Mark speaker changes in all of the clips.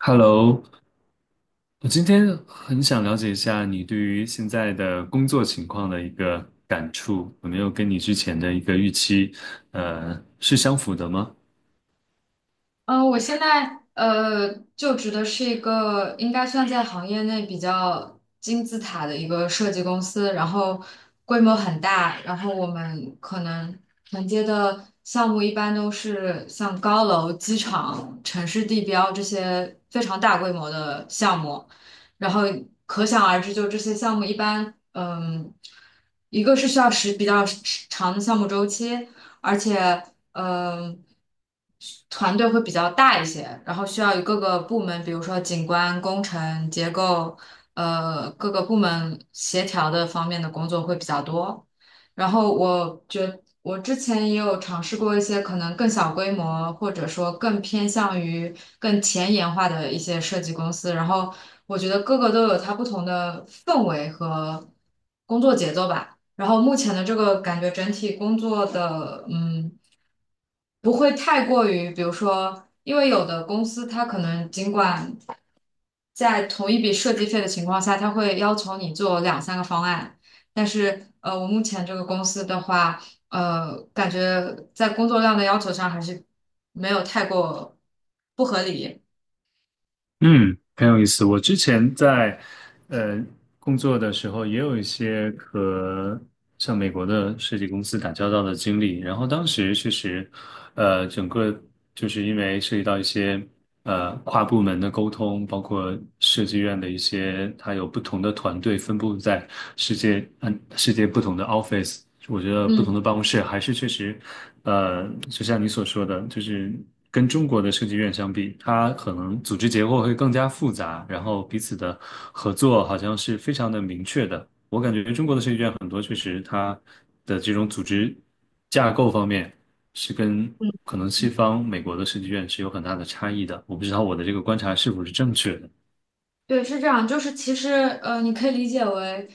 Speaker 1: Hello，我今天很想了解一下你对于现在的工作情况的一个感触，有没有跟你之前的一个预期，是相符的吗？
Speaker 2: 我现在就职的是一个应该算在行业内比较金字塔的一个设计公司，然后规模很大，然后我们可能承接的项目一般都是像高楼、机场、城市地标这些非常大规模的项目，然后可想而知，就这些项目一般，一个是需要比较时长的项目周期。而且呃，团队会比较大一些，然后需要与各个部门，比如说景观、工程、结构，各个部门协调的方面的工作会比较多。然后我之前也有尝试过一些可能更小规模，或者说更偏向于更前沿化的一些设计公司，然后我觉得各个都有它不同的氛围和工作节奏吧。然后目前的这个感觉整体工作的，不会太过于，比如说，因为有的公司它可能尽管在同一笔设计费的情况下，它会要求你做两三个方案，但是我目前这个公司的话，感觉在工作量的要求上还是没有太过不合理。
Speaker 1: 嗯，很有意思。我之前在呃工作的时候，也有一些和像美国的设计公司打交道的经历。然后当时确实，整个就是因为涉及到一些跨部门的沟通，包括设计院的一些，它有不同的团队分布在世界不同的 office。我觉得不同的
Speaker 2: 嗯。
Speaker 1: 办公室还是确实，呃，就像你所说的，就是。跟中国的设计院相比，它可能组织结构会更加复杂，然后彼此的合作好像是非常的明确的。我感觉中国的设计院很多确实它的这种组织架构方面是跟可能西方美国的设计院是有很大的差异的。我不知道我的这个观察是否是正确的。
Speaker 2: 对，是这样，就是其实你可以理解为，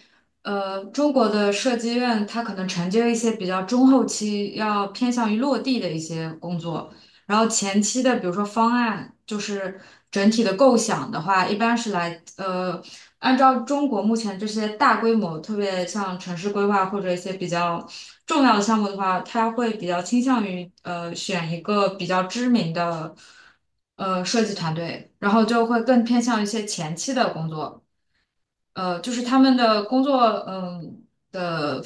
Speaker 2: 中国的设计院它可能承接一些比较中后期要偏向于落地的一些工作，然后前期的比如说方案，就是整体的构想的话，一般是按照中国目前这些大规模，特别像城市规划或者一些比较重要的项目的话，他会比较倾向于选一个比较知名的设计团队，然后就会更偏向一些前期的工作。就是他们的工作，嗯的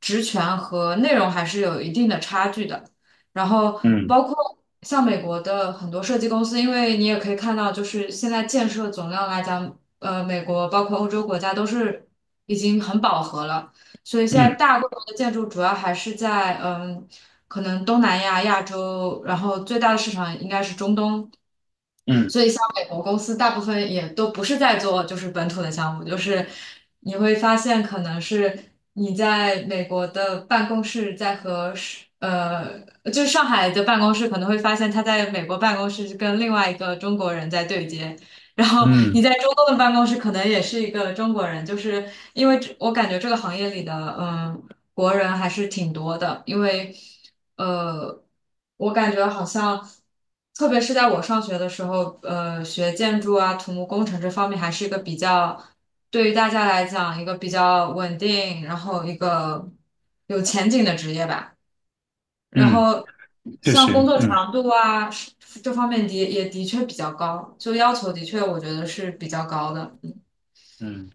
Speaker 2: 职权和内容还是有一定的差距的。然后
Speaker 1: 嗯
Speaker 2: 包括像美国的很多设计公司，因为你也可以看到，就是现在建设总量来讲，美国包括欧洲国家都是已经很饱和了，所以现在
Speaker 1: 嗯
Speaker 2: 大规模的建筑主要还是在可能东南亚、亚洲，然后最大的市场应该是中东。
Speaker 1: 嗯
Speaker 2: 所以像美国公司大部分也都不是在做就是本土的项目，就是你会发现可能是你在美国的办公室在和是呃，就是上海的办公室可能会发现他在美国办公室是跟另外一个中国人在对接。然后你
Speaker 1: 嗯
Speaker 2: 在中东的办公室可能也是一个中国人，就是因为这我感觉这个行业里的，嗯、国人还是挺多的，因为呃，我感觉好像，特别是在我上学的时候，学建筑啊、土木工程这方面还是一个比较，对于大家来讲一个比较稳定，然后一个有前景的职业吧。然
Speaker 1: 嗯，
Speaker 2: 后
Speaker 1: 确
Speaker 2: 像工
Speaker 1: 实，
Speaker 2: 作
Speaker 1: 嗯
Speaker 2: 强度啊是这方面的也的确比较高，就要求的确我觉得是比较高的。
Speaker 1: 嗯。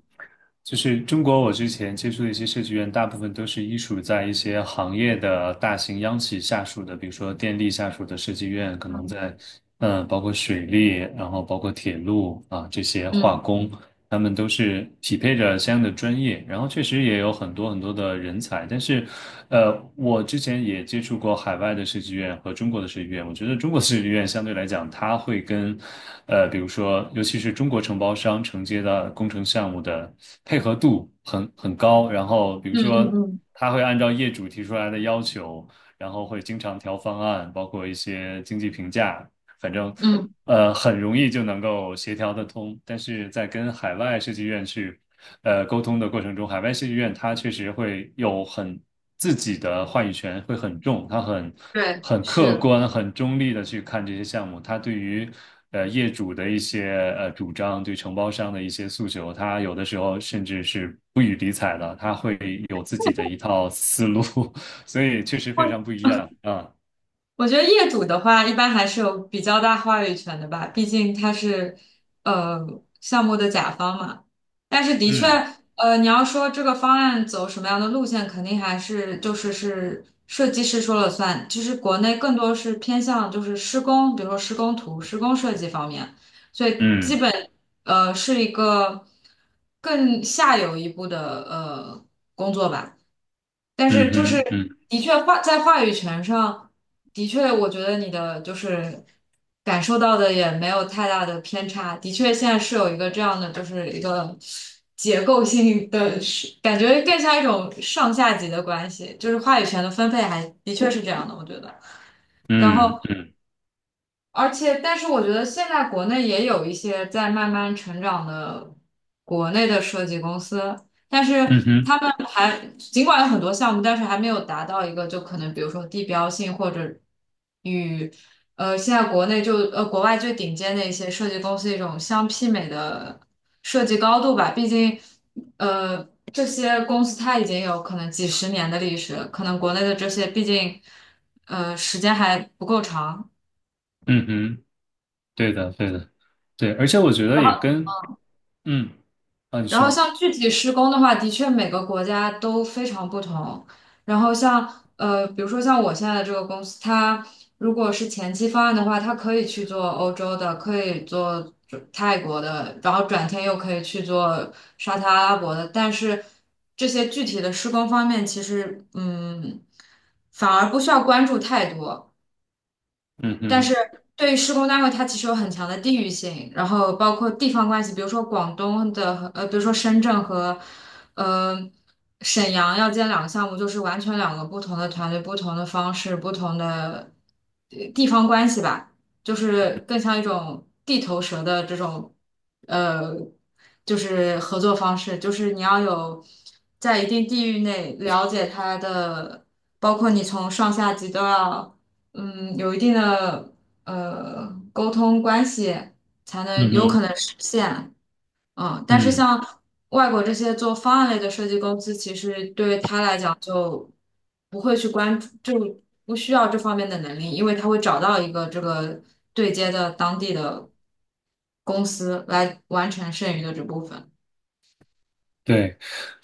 Speaker 1: 就是中国，我之前接触的一些设计院，大部分都是依属在一些行业的大型央企下属的，比如说电力下属的设计院，可能
Speaker 2: 嗯
Speaker 1: 在，嗯、包括水利，然后包括铁路啊这些化
Speaker 2: 嗯
Speaker 1: 工，他们都是匹配着相应的专业，然后确实也有很多很多的人才，但是我之前也接触过海外的设计院和中国的设计院。我觉得中国的设计院相对来讲，它会跟，呃，比如说，尤其是中国承包商承接的工程项目的配合度很高。然后，比如
Speaker 2: 嗯
Speaker 1: 说，
Speaker 2: 嗯
Speaker 1: 他会按照业主提出来的要求，然后会经常调方案，包括一些经济评价，反正，
Speaker 2: 嗯，嗯，
Speaker 1: 很容易就能够协调得通。但是在跟海外设计院去沟通的过程中，海外戏剧院它确实会有很自己的话语权会很重，它很
Speaker 2: 对，
Speaker 1: 很
Speaker 2: 是
Speaker 1: 客
Speaker 2: 的。
Speaker 1: 观、很中立的去看这些项目，它对于业主的一些主张，对承包商的一些诉求，它有的时候甚至是不予理睬的，它会有自己的一套思路，所以确实非常不一样啊，
Speaker 2: 我觉得业主的话，一般还是有比较大话语权的吧，毕竟他是呃项目的甲方嘛。但是的确，
Speaker 1: 嗯
Speaker 2: 你要说这个方案走什么样的路线，肯定还是就是是设计师说了算。其实国内更多是偏向就是施工，比如说施工图、施工设计方面，所以基
Speaker 1: 嗯
Speaker 2: 本是一个更下游一步的工作吧。但
Speaker 1: 嗯
Speaker 2: 是就是
Speaker 1: 哼嗯
Speaker 2: 的确在话语权上，的确我觉得你的就是感受到的也没有太大的偏差。的确，现在是有一个这样的，就是一个结构性的，是感觉更像一种上下级的关系，就是话语权的分配还的确是这样的，我觉得。然
Speaker 1: 嗯
Speaker 2: 后。
Speaker 1: 嗯
Speaker 2: 而且，但是我觉得现在国内也有一些在慢慢成长的国内的设计公司，但是
Speaker 1: 嗯哼
Speaker 2: 他们还尽管有很多项目，但是还没有达到一个就可能比如说地标性或者与现在国内就国外最顶尖的一些设计公司一种相媲美的设计高度吧。毕竟呃这些公司它已经有可能几十年的历史，可能国内的这些毕竟时间还不够长。
Speaker 1: 嗯哼，对的对的。对，而且我觉得也跟嗯啊，你
Speaker 2: 然后
Speaker 1: 说，
Speaker 2: 像具体施工的话，的确每个国家都非常不同。然后像比如说像我现在的这个公司，它如果是前期方案的话，它可以去做欧洲的，可以做泰国的，然后转天又可以去做沙特阿拉伯的。但是这些具体的施工方面，其实反而不需要关注太多。
Speaker 1: 嗯
Speaker 2: 但是
Speaker 1: 哼，
Speaker 2: 对于施工单位，它其实有很强的地域性，然后包括地方关系，比如说广东的和比如说深圳和呃沈阳要建两个项目，就是完全两个不同的团队、不同的方式、不同的地方关系吧，就是更像一种地头蛇的这种呃，就是合作方式，就是你要有在一定地域内了解它的，包括你从上下级都要。有一定的沟通关系，才能
Speaker 1: 嗯
Speaker 2: 有可
Speaker 1: 哼，
Speaker 2: 能实现。但是
Speaker 1: 嗯，
Speaker 2: 像外国这些做方案类的设计公司，其实对于他来讲就不会去关注，就不需要这方面的能力，因为他会找到一个这个对接的当地的公司来完成剩余的这部分。
Speaker 1: 对。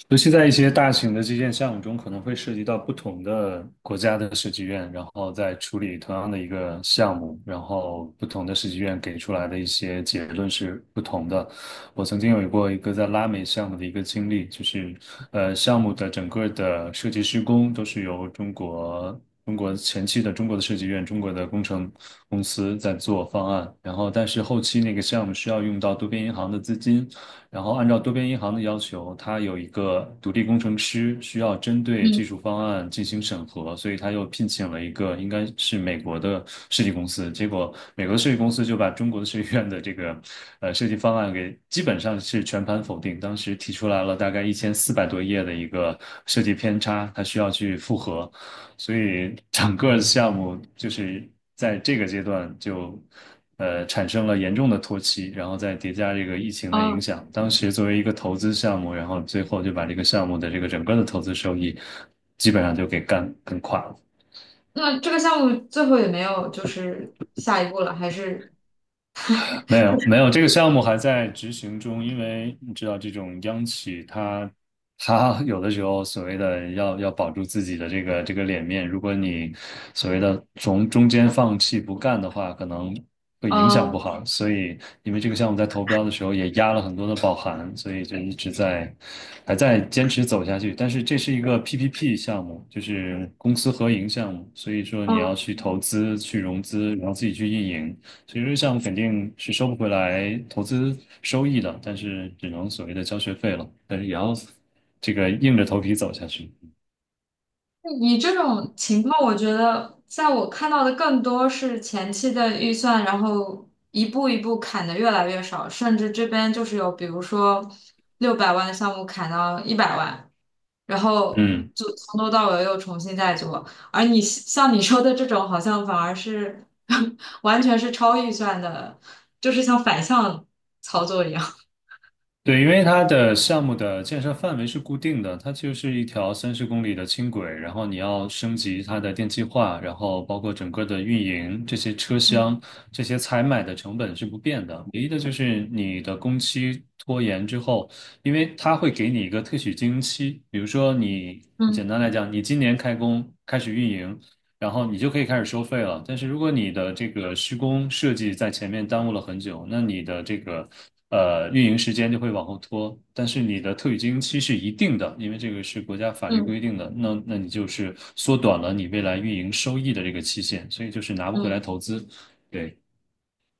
Speaker 1: 尤其在一些大型的基建项目中，可能会涉及到不同的国家的设计院，然后在处理同样的一个项目，然后不同的设计院给出来的一些结论是不同的。我曾经有过一个在拉美项目的一个经历，就是项目的整个的设计施工都是由中国。中国前期的中国的设计院、中国的工程公司在做方案，然后但是后期那个项目需要用到多边银行的资金，然后按照多边银行的要求，它有一个独立工程师需要针对技
Speaker 2: 嗯，
Speaker 1: 术方案进行审核，所以他又聘请了一个应该是美国的设计公司。结果美国的设计公司就把中国的设计院的这个设计方案给基本上是全盘否定。当时提出来了大概1400多页的一个设计偏差，他需要去复核。所以整个项目就是在这个阶段就产生了严重的拖期，然后再叠加这个疫情的影
Speaker 2: 哦，
Speaker 1: 响，当时作为一个投资项目，然后最后就把这个项目的这个整个的投资收益基本上就给干垮了。
Speaker 2: 那这个项目最后也没有就是下一步了，还是，
Speaker 1: 没有没有，这个项目还在执行中，因为你知道这种央企它，它有的时候所谓的要保住自己的这个脸面，如果你所谓的从中间放弃不干的话，可能会影响不
Speaker 2: 嗯
Speaker 1: 好。所以因为这个项目在投标的时候也压了很多的保函，所以就一直在还在坚持走下去。但是这是一个 PPP 项目，就是公私合营项目，所以说你要
Speaker 2: 嗯。
Speaker 1: 去投资、去融资，然后自己去运营。其实项目肯定是收不回来投资收益的，但是只能所谓的交学费了，但是也要这个硬着头皮走下去。
Speaker 2: 你这种情况，我觉得在我看到的更多是前期的预算，然后一步一步砍的越来越少，甚至这边就是有，比如说600万的项目砍到100万，然后
Speaker 1: 嗯。
Speaker 2: 就从头到尾又重新再做。而你像你说的这种，好像反而是 完全是超预算的，就是像反向操作一样。
Speaker 1: 对，因为它的项目的建设范围是固定的，它就是一条30公里的轻轨，然后你要升级它的电气化，然后包括整个的运营，这些车厢、这些采买的成本是不变的，唯一的就是你的工期拖延之后，因为它会给你一个特许经营期，比如说你，
Speaker 2: 嗯
Speaker 1: 简单来讲，你今年开工开始运营。然后你就可以开始收费了。但是如果你的这个施工设计在前面耽误了很久，那你的这个运营时间就会往后拖。但是你的特许经营期是一定的，因为这个是国家法律
Speaker 2: 嗯
Speaker 1: 规定的。那你就是缩短了你未来运营收益的这个期限，所以就是拿不回来
Speaker 2: 嗯。
Speaker 1: 投资。对。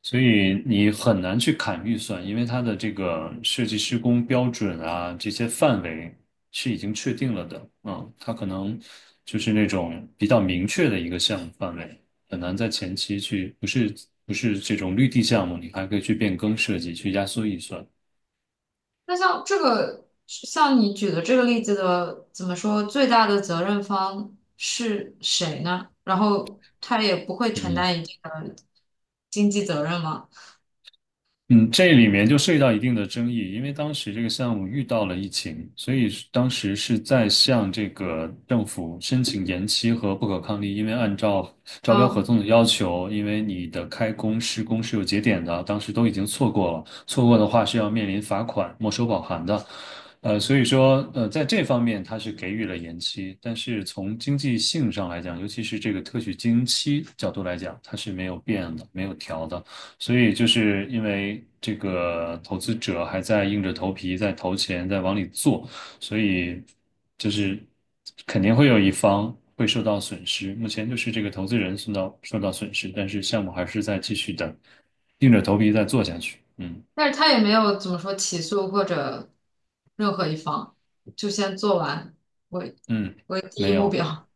Speaker 1: 所以你很难去砍预算，因为它的这个设计施工标准啊，这些范围是已经确定了的。嗯，它可能就是那种比较明确的一个项目范围，很难在前期去，不是这种绿地项目，你还可以去变更设计，去压缩预算。
Speaker 2: 那像这个，像你举的这个例子的，怎么说，最大的责任方是谁呢？然后他也不会承
Speaker 1: 嗯。
Speaker 2: 担一定的经济责任吗？
Speaker 1: 嗯，这里面就涉及到一定的争议，因为当时这个项目遇到了疫情，所以是当时是在向这个政府申请延期和不可抗力，因为按照招标合
Speaker 2: 嗯，
Speaker 1: 同的要求，因为你的开工施工是有节点的，当时都已经错过了，错过的话是要面临罚款、没收保函的。所以说，在这方面它是给予了延期，但是从经济性上来讲，尤其是这个特许经营期角度来讲，它是没有变的，没有调的。所以就是因为这个投资者还在硬着头皮在投钱，在往里做，所以就是肯定会有一方会受到损失。目前就是这个投资人受到损失，但是项目还是在继续的硬着头皮在做下去。嗯
Speaker 2: 但是他也没有怎么说起诉或者任何一方，就先做完为
Speaker 1: 嗯，
Speaker 2: 为第一
Speaker 1: 没
Speaker 2: 目
Speaker 1: 有。
Speaker 2: 标。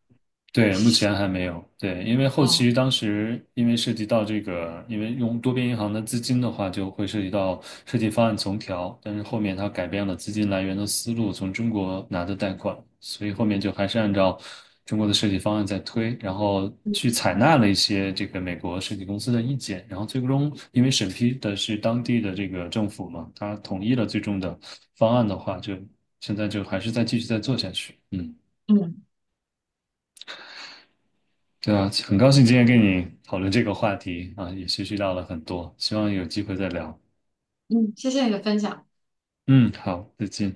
Speaker 1: 对，目前还没有。对，因为后
Speaker 2: 哦，
Speaker 1: 期当时因为涉及到这个，因为用多边银行的资金的话，就会涉及到设计方案重调。但是后面它改变了资金来源的思路，从中国拿的贷款，所以后面就还是按照中国的设计方案在推，然后
Speaker 2: 嗯
Speaker 1: 去采纳了一些这个美国设计公司的意见，然后最终因为审批的是当地的这个政府嘛，他统一了最终的方案的话，就现在就还是再继续再做下去。嗯。
Speaker 2: 嗯
Speaker 1: 对啊，很高兴今天跟你讨论这个话题啊，也学习到了很多，希望有机会再聊。
Speaker 2: 嗯，谢谢你的分享。
Speaker 1: 嗯，好，再见。